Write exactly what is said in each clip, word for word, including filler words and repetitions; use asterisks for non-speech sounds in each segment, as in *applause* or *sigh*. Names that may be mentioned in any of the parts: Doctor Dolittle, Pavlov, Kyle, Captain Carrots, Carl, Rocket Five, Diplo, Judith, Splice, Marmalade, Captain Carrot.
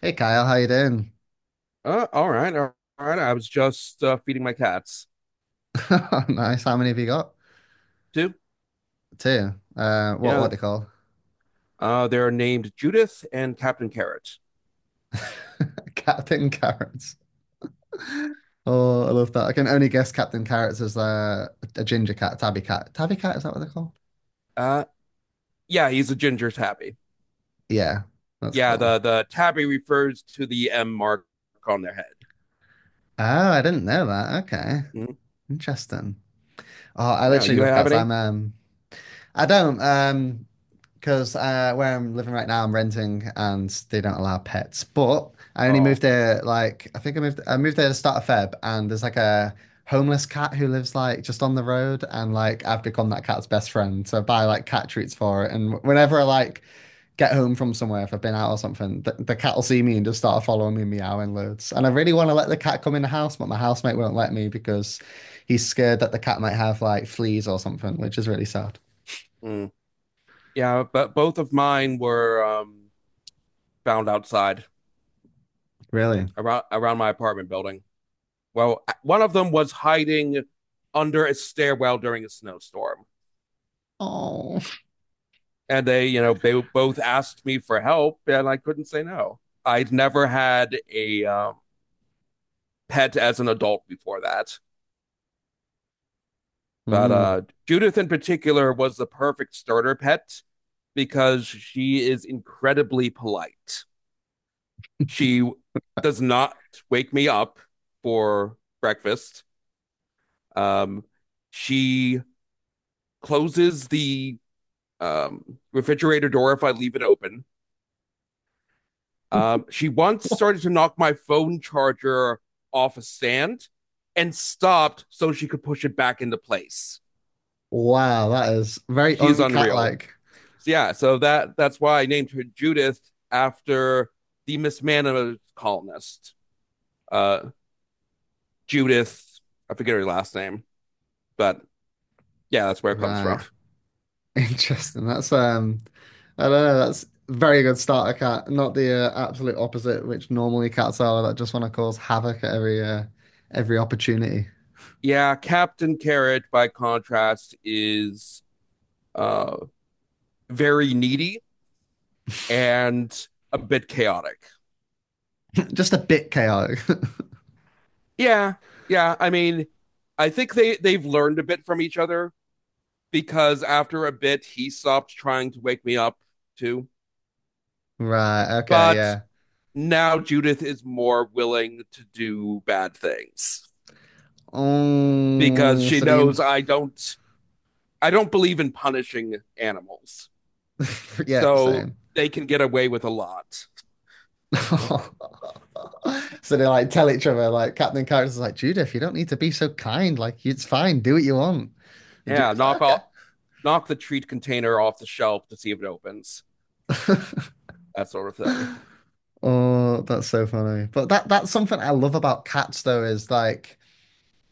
Hey Kyle, how you doing? Uh, all right, all right. I was just uh, feeding my cats *laughs* Nice. How many have you got? too. Two. Uh, what Yeah, what they call? uh, they're named Judith and Captain Carrot. *laughs* Captain Carrots. Oh, I love that. I can only guess Captain Carrots as uh, a ginger cat, tabby cat. Tabby cat, is that what they're called? Uh, yeah, he's a ginger tabby. Yeah, that's Yeah, cool. the the tabby refers to the M mark on their head. Oh, I didn't know that. Okay. Mhm. Interesting. Oh, I Yeah, literally you love have a cats. I'm name? um I don't um because uh, where I'm living right now, I'm renting and they don't allow pets. But I only moved Oh, there like I think I moved I moved there to start of Feb, and there's like a homeless cat who lives like just on the road, and like I've become that cat's best friend. So I buy like cat treats for it, and whenever I like get home from somewhere, if I've been out or something, the, the cat will see me and just start following me, meowing loads. And I really want to let the cat come in the house, but my housemate won't let me because he's scared that the cat might have like fleas or something, which is really sad. mm. yeah, but both of mine were um, found outside Really. around around my apartment building. Well, one of them was hiding under a stairwell during a snowstorm. Oh. And they you know they both asked me for help and I couldn't say no. I'd never had a um, pet as an adult before that, but uh, Mm. Judith in particular was the perfect starter pet because she is incredibly polite. She does not wake me up for breakfast. um, she closes the um, refrigerator door if I leave it open. Um, she once started to knock my phone charger off a stand and stopped so she could push it back into place. Wow, that is very She is unreal. uncat-like. So yeah, so that that's why I named her Judith after the Miss Manor columnist, uh, Judith. I forget her last name, but yeah, that's where it comes Right. from. *laughs* *laughs* Interesting. That's um I don't know, that's very good starter cat, not the uh, absolute opposite, which normally cats are that just want to cause havoc at every uh, every opportunity. Yeah, Captain Carrot, by contrast, is uh, very needy and a bit chaotic. *laughs* Just a bit chaotic. *laughs* Yeah, yeah. I mean, I think they they've learned a bit from each other because after a bit he stopped trying to wake me up too. Right, okay, But yeah. now Judith is more willing to do bad things because Oh, she so the in knows I don't, I don't believe in punishing animals. *laughs* yeah, So same. they can get away with a lot. *laughs* So they like tell each other, like Captain Character's like, Judith, you don't need to be so kind, like it's fine, do what you want. And Yeah, Judith's knock like, all, knock the treat container off the shelf to see if it opens. okay. That sort of thing. *laughs* Oh, that's so funny. But that that's something I love about cats though is like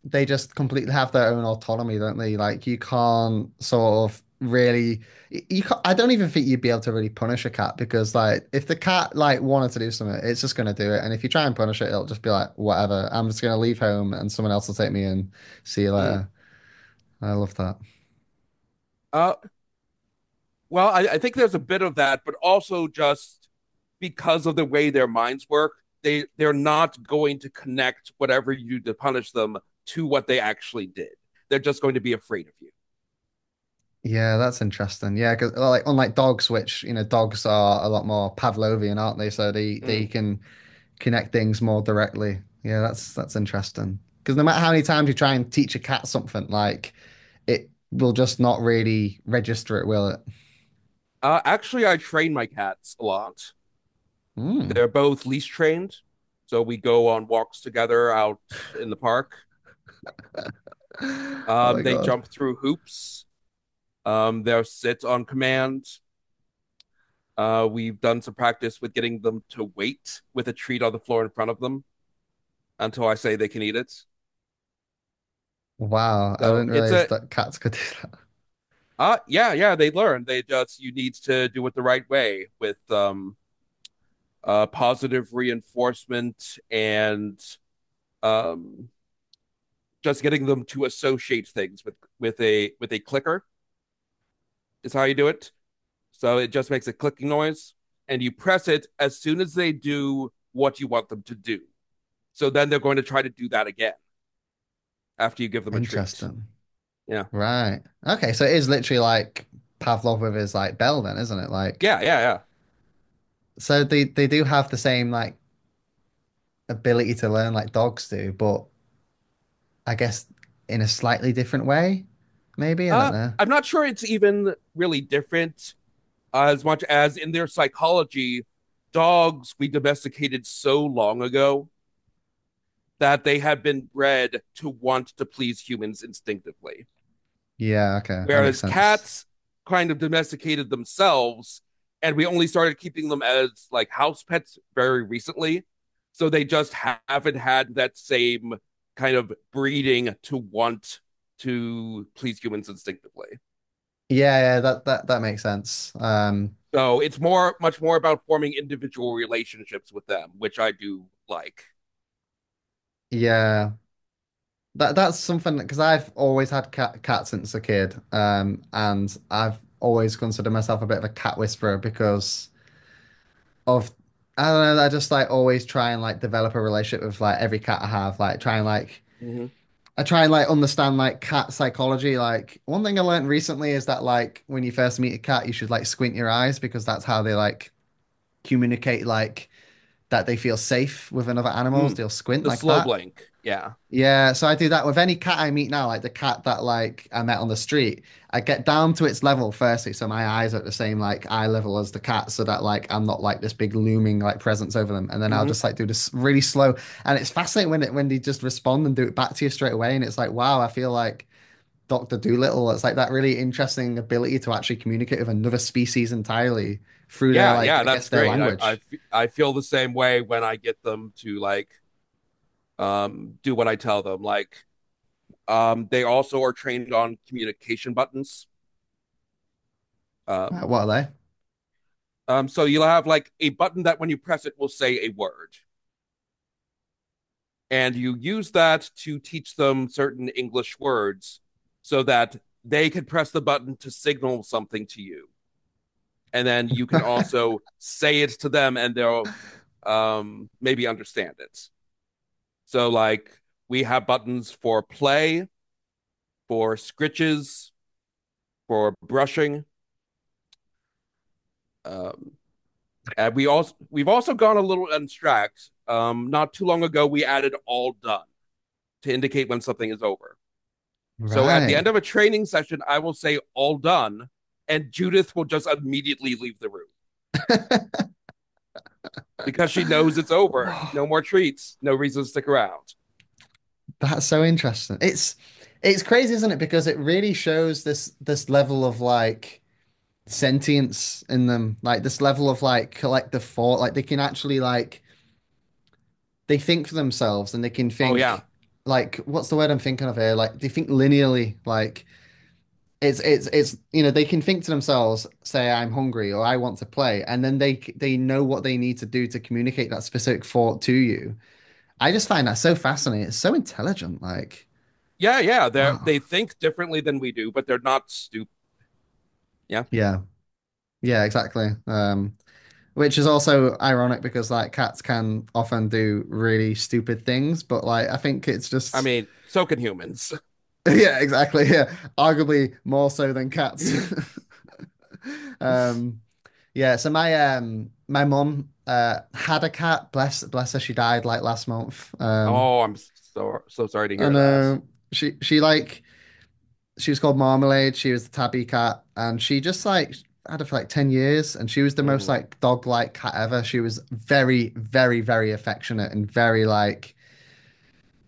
they just completely have their own autonomy, don't they? Like you can't sort of really y- you can't, I don't even think you'd be able to really punish a cat because like if the cat like wanted to do something, it's just gonna do it. And if you try and punish it, it'll just be like, whatever, I'm just gonna leave home and someone else will take me in. See you Mm. later. I love that. Uh Well, I, I think there's a bit of that, but also just because of the way their minds work, they they're not going to connect whatever you do to punish them to what they actually did. They're just going to be afraid of you. Yeah, that's interesting. Yeah, because like unlike dogs, which you know, dogs are a lot more Pavlovian, aren't they? So they they Mm. can connect things more directly. Yeah, that's that's interesting. Because no matter how many times you try and teach a cat something, like it will just not really register it, will it? Uh, actually, I train my cats a lot. Mm. They're both leash trained, so we go on walks together out in the park. *laughs* Oh my Um, they God. jump through hoops. Um, they'll sit on command. Uh, we've done some practice with getting them to wait with a treat on the floor in front of them until I say they can eat it. Wow, I So didn't it's realize a that cats could do *laughs* that. uh yeah, yeah, they learn. They just, you need to do it the right way with um uh positive reinforcement and um just getting them to associate things with with a with a clicker is how you do it. So it just makes a clicking noise and you press it as soon as they do what you want them to do. So then they're going to try to do that again after you give them a treat. Interesting. Yeah. Right. Okay, so it is literally like Pavlov with his like bell then, isn't it? Like Yeah, yeah, yeah. so they they do have the same like ability to learn like dogs do, but I guess in a slightly different way, maybe. I don't Uh know. I'm not sure it's even really different as much as in their psychology, dogs we domesticated so long ago that they have been bred to want to please humans instinctively. Yeah, okay. That makes Whereas sense. cats kind of domesticated themselves, and we only started keeping them as like house pets very recently. So they just haven't had that same kind of breeding to want to please humans instinctively. Yeah, yeah, that that that makes sense. Um So it's more, much more about forming individual relationships with them, which I do like. yeah. That that's something because I've always had cat cats since a kid. Um, and I've always considered myself a bit of a cat whisperer because of I don't know, I just like always try and like develop a relationship with like every cat I have, like try and like Mm-hmm. I try and like understand like cat psychology. Like one thing I learned recently is that like when you first meet a cat, you should like squint your eyes because that's how they like communicate like that they feel safe with another animals. Mm. They'll squint The like slow that. blink, yeah. Yeah, so I do that with any cat I meet now, like the cat that like I met on the street. I get down to its level firstly, so my eyes are at the same like eye level as the cat, so that like I'm not like this big looming like presence over them. And then I'll just Mm-hmm. like do this really slow, and it's fascinating when it when they just respond and do it back to you straight away. And it's like, wow, I feel like Doctor Dolittle. It's like that really interesting ability to actually communicate with another species entirely through their Yeah, like yeah. I guess That's their great. I, I, language. I feel the same way when I get them to like um do what I tell them. Like um, they also are trained on communication buttons. Right, Um, what are um, so you'll have like a button that when you press it will say a word, and you use that to teach them certain English words so that they can press the button to signal something to you. And then you they? can *laughs* also say it to them and they'll um, maybe understand it. So, like, we have buttons for play, for scritches, for brushing. Um, and we also we've also gone a little abstract. Um, not too long ago, we added all done to indicate when something is over. So at the Right. end of a training session, I will say, all done. And Judith will just immediately leave the room because she knows it's *sighs* over. Wow. No more treats. No reason to stick around. That's so interesting. It's it's crazy, isn't it? Because it really shows this this level of like sentience in them, like this level of like collective thought. Like they can actually like they think for themselves and they can Oh, yeah. think like what's the word I'm thinking of here? Like they think linearly. Like it's it's it's you know they can think to themselves, say I'm hungry or I want to play, and then they they know what they need to do to communicate that specific thought to you. I just find that so fascinating. It's so intelligent. Like Yeah, yeah. They wow, they think differently than we do, but they're not stupid. Yeah. yeah. Yeah, exactly. Um, which is also ironic because like cats can often do really stupid things, but like I think it's I just mean, so can humans. *laughs* yeah, exactly. Yeah, arguably more so than cats. *laughs* *laughs* Um, yeah. So my um my mum uh had a cat. Bless bless her. She died like last month. Um, oh, I'm so so sorry to and hear that. uh, she she like she was called Marmalade. She was the tabby cat, and she just like had her for like ten years and she was the most Mm, like dog like cat ever. She was very, very, very affectionate and very like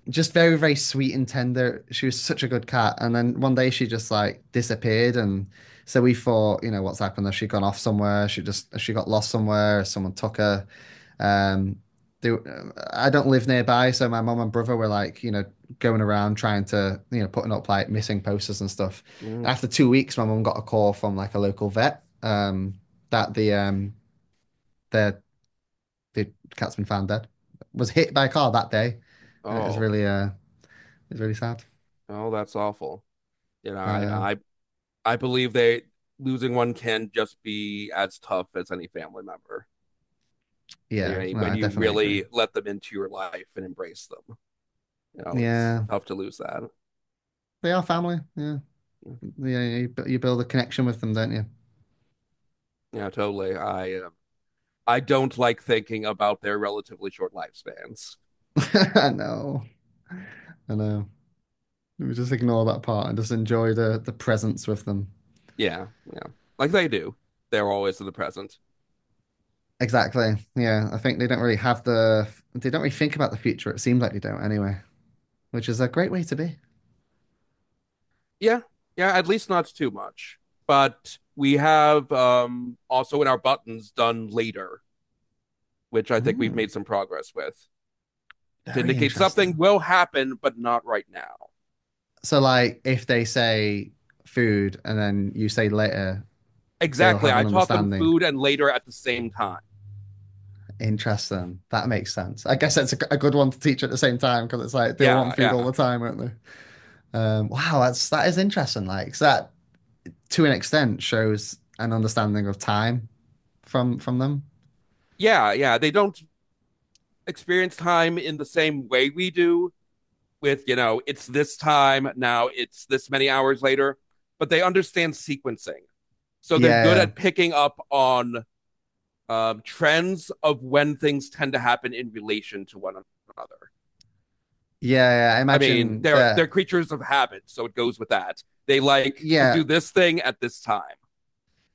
just very, very sweet and tender. She was such a good cat. And then one day she just like disappeared. And so we thought, you know, what's happened? Has she gone off somewhere? She just, she got lost somewhere? Someone took her. Um, they, I don't live nearby, so my mum and brother were like, you know, going around trying to, you know, putting up like missing posters and stuff. mm. And after two weeks, my mum got a call from like a local vet um, that the um, the the cat's been found dead, was hit by a car that day, and it was Oh, really uh, it's really sad. oh, that's awful. You know, Uh, I I I believe they, losing one can just be as tough as any family member. yeah, You know, no, when I you definitely agree. really let them into your life and embrace them. You know, it's Yeah, tough to lose that. they are family. Yeah, Mm. yeah, you, you build a connection with them, don't you? Yeah, totally. I uh, I don't like thinking about their relatively short lifespans. *laughs* I know, I know. Let me just ignore that part and just enjoy the the presence with them. Yeah, yeah, like they do. They're always in the present. Exactly. Yeah, I think they don't really have the they don't really think about the future. It seems like they don't anyway, which is a great way to be. Yeah, yeah. At least not too much. But we have um, also in our buttons done later, which I think we've Mm, made some progress with to very indicate something interesting. will happen, but not right now. So like if they say food and then you say later, they'll Exactly. have I an taught them understanding. food and later at the same time. Interesting. That makes sense. I guess that's a a good one to teach at the same time because it's like they'll want Yeah, food all yeah. the time, won't they? Um, wow, that's that is interesting. Like 'cause that to an extent shows an understanding of time from from them. Yeah, yeah, they don't experience time in the same way we do with, you know, it's this time now, it's this many hours later, but they understand sequencing. So they're good Yeah, at picking up on um, trends of when things tend to happen in relation to one another. yeah, yeah. I I mean, imagine they're they're that. creatures of habit, so it goes with that. They like to Yeah, do this thing at this time.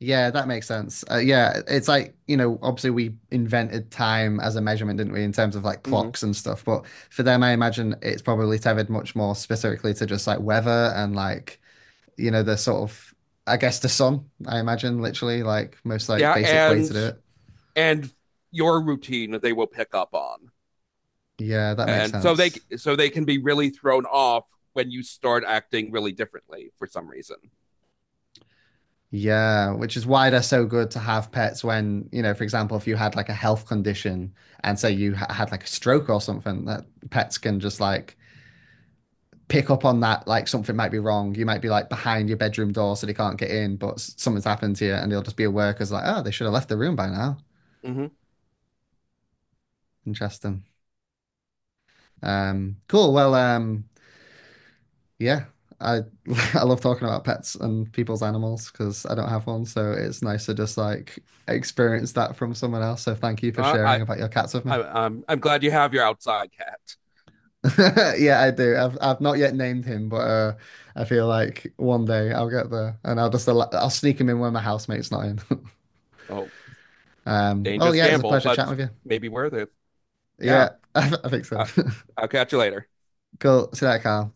yeah, that makes sense. Uh, yeah, it's like you know, obviously we invented time as a measurement, didn't we, in terms of like Mhm. clocks and stuff. But for them, I imagine it's probably tethered much more specifically to just like weather and like you know the sort of I guess the sun. I imagine literally like most like Yeah, basic way to and do it. and your routine they will pick up on. Yeah, that makes And so they sense. so they can be really thrown off when you start acting really differently for some reason. Yeah, which is why they're so good to have pets when, you know, for example, if you had like a health condition and say you ha- had like a stroke or something, that pets can just like pick up on that, like something might be wrong. You might be like behind your bedroom door so they can't get in, but something's happened to you and they'll just be aware because like, oh, they should have left the room by now. Mm-hmm. Interesting. Um, cool. Well, um, yeah, I *laughs* I love talking about pets and people's animals because I don't have one, so it's nice to just like experience that from someone else. So thank you for Uh, sharing I, about your cats with me. I I'm I'm glad you have your outside cat. *laughs* Yeah, I do. I've I've not yet named him, but uh, I feel like one day I'll get there and I'll just allow, I'll sneak him in when my housemate's not in. *laughs* Oh, Um, well, dangerous yeah, it's a gamble, pleasure chatting but with you. maybe worth it. Yeah, Yeah, *laughs* I, I think so. uh, *laughs* I'll catch you later. Cool. See you later, Carl.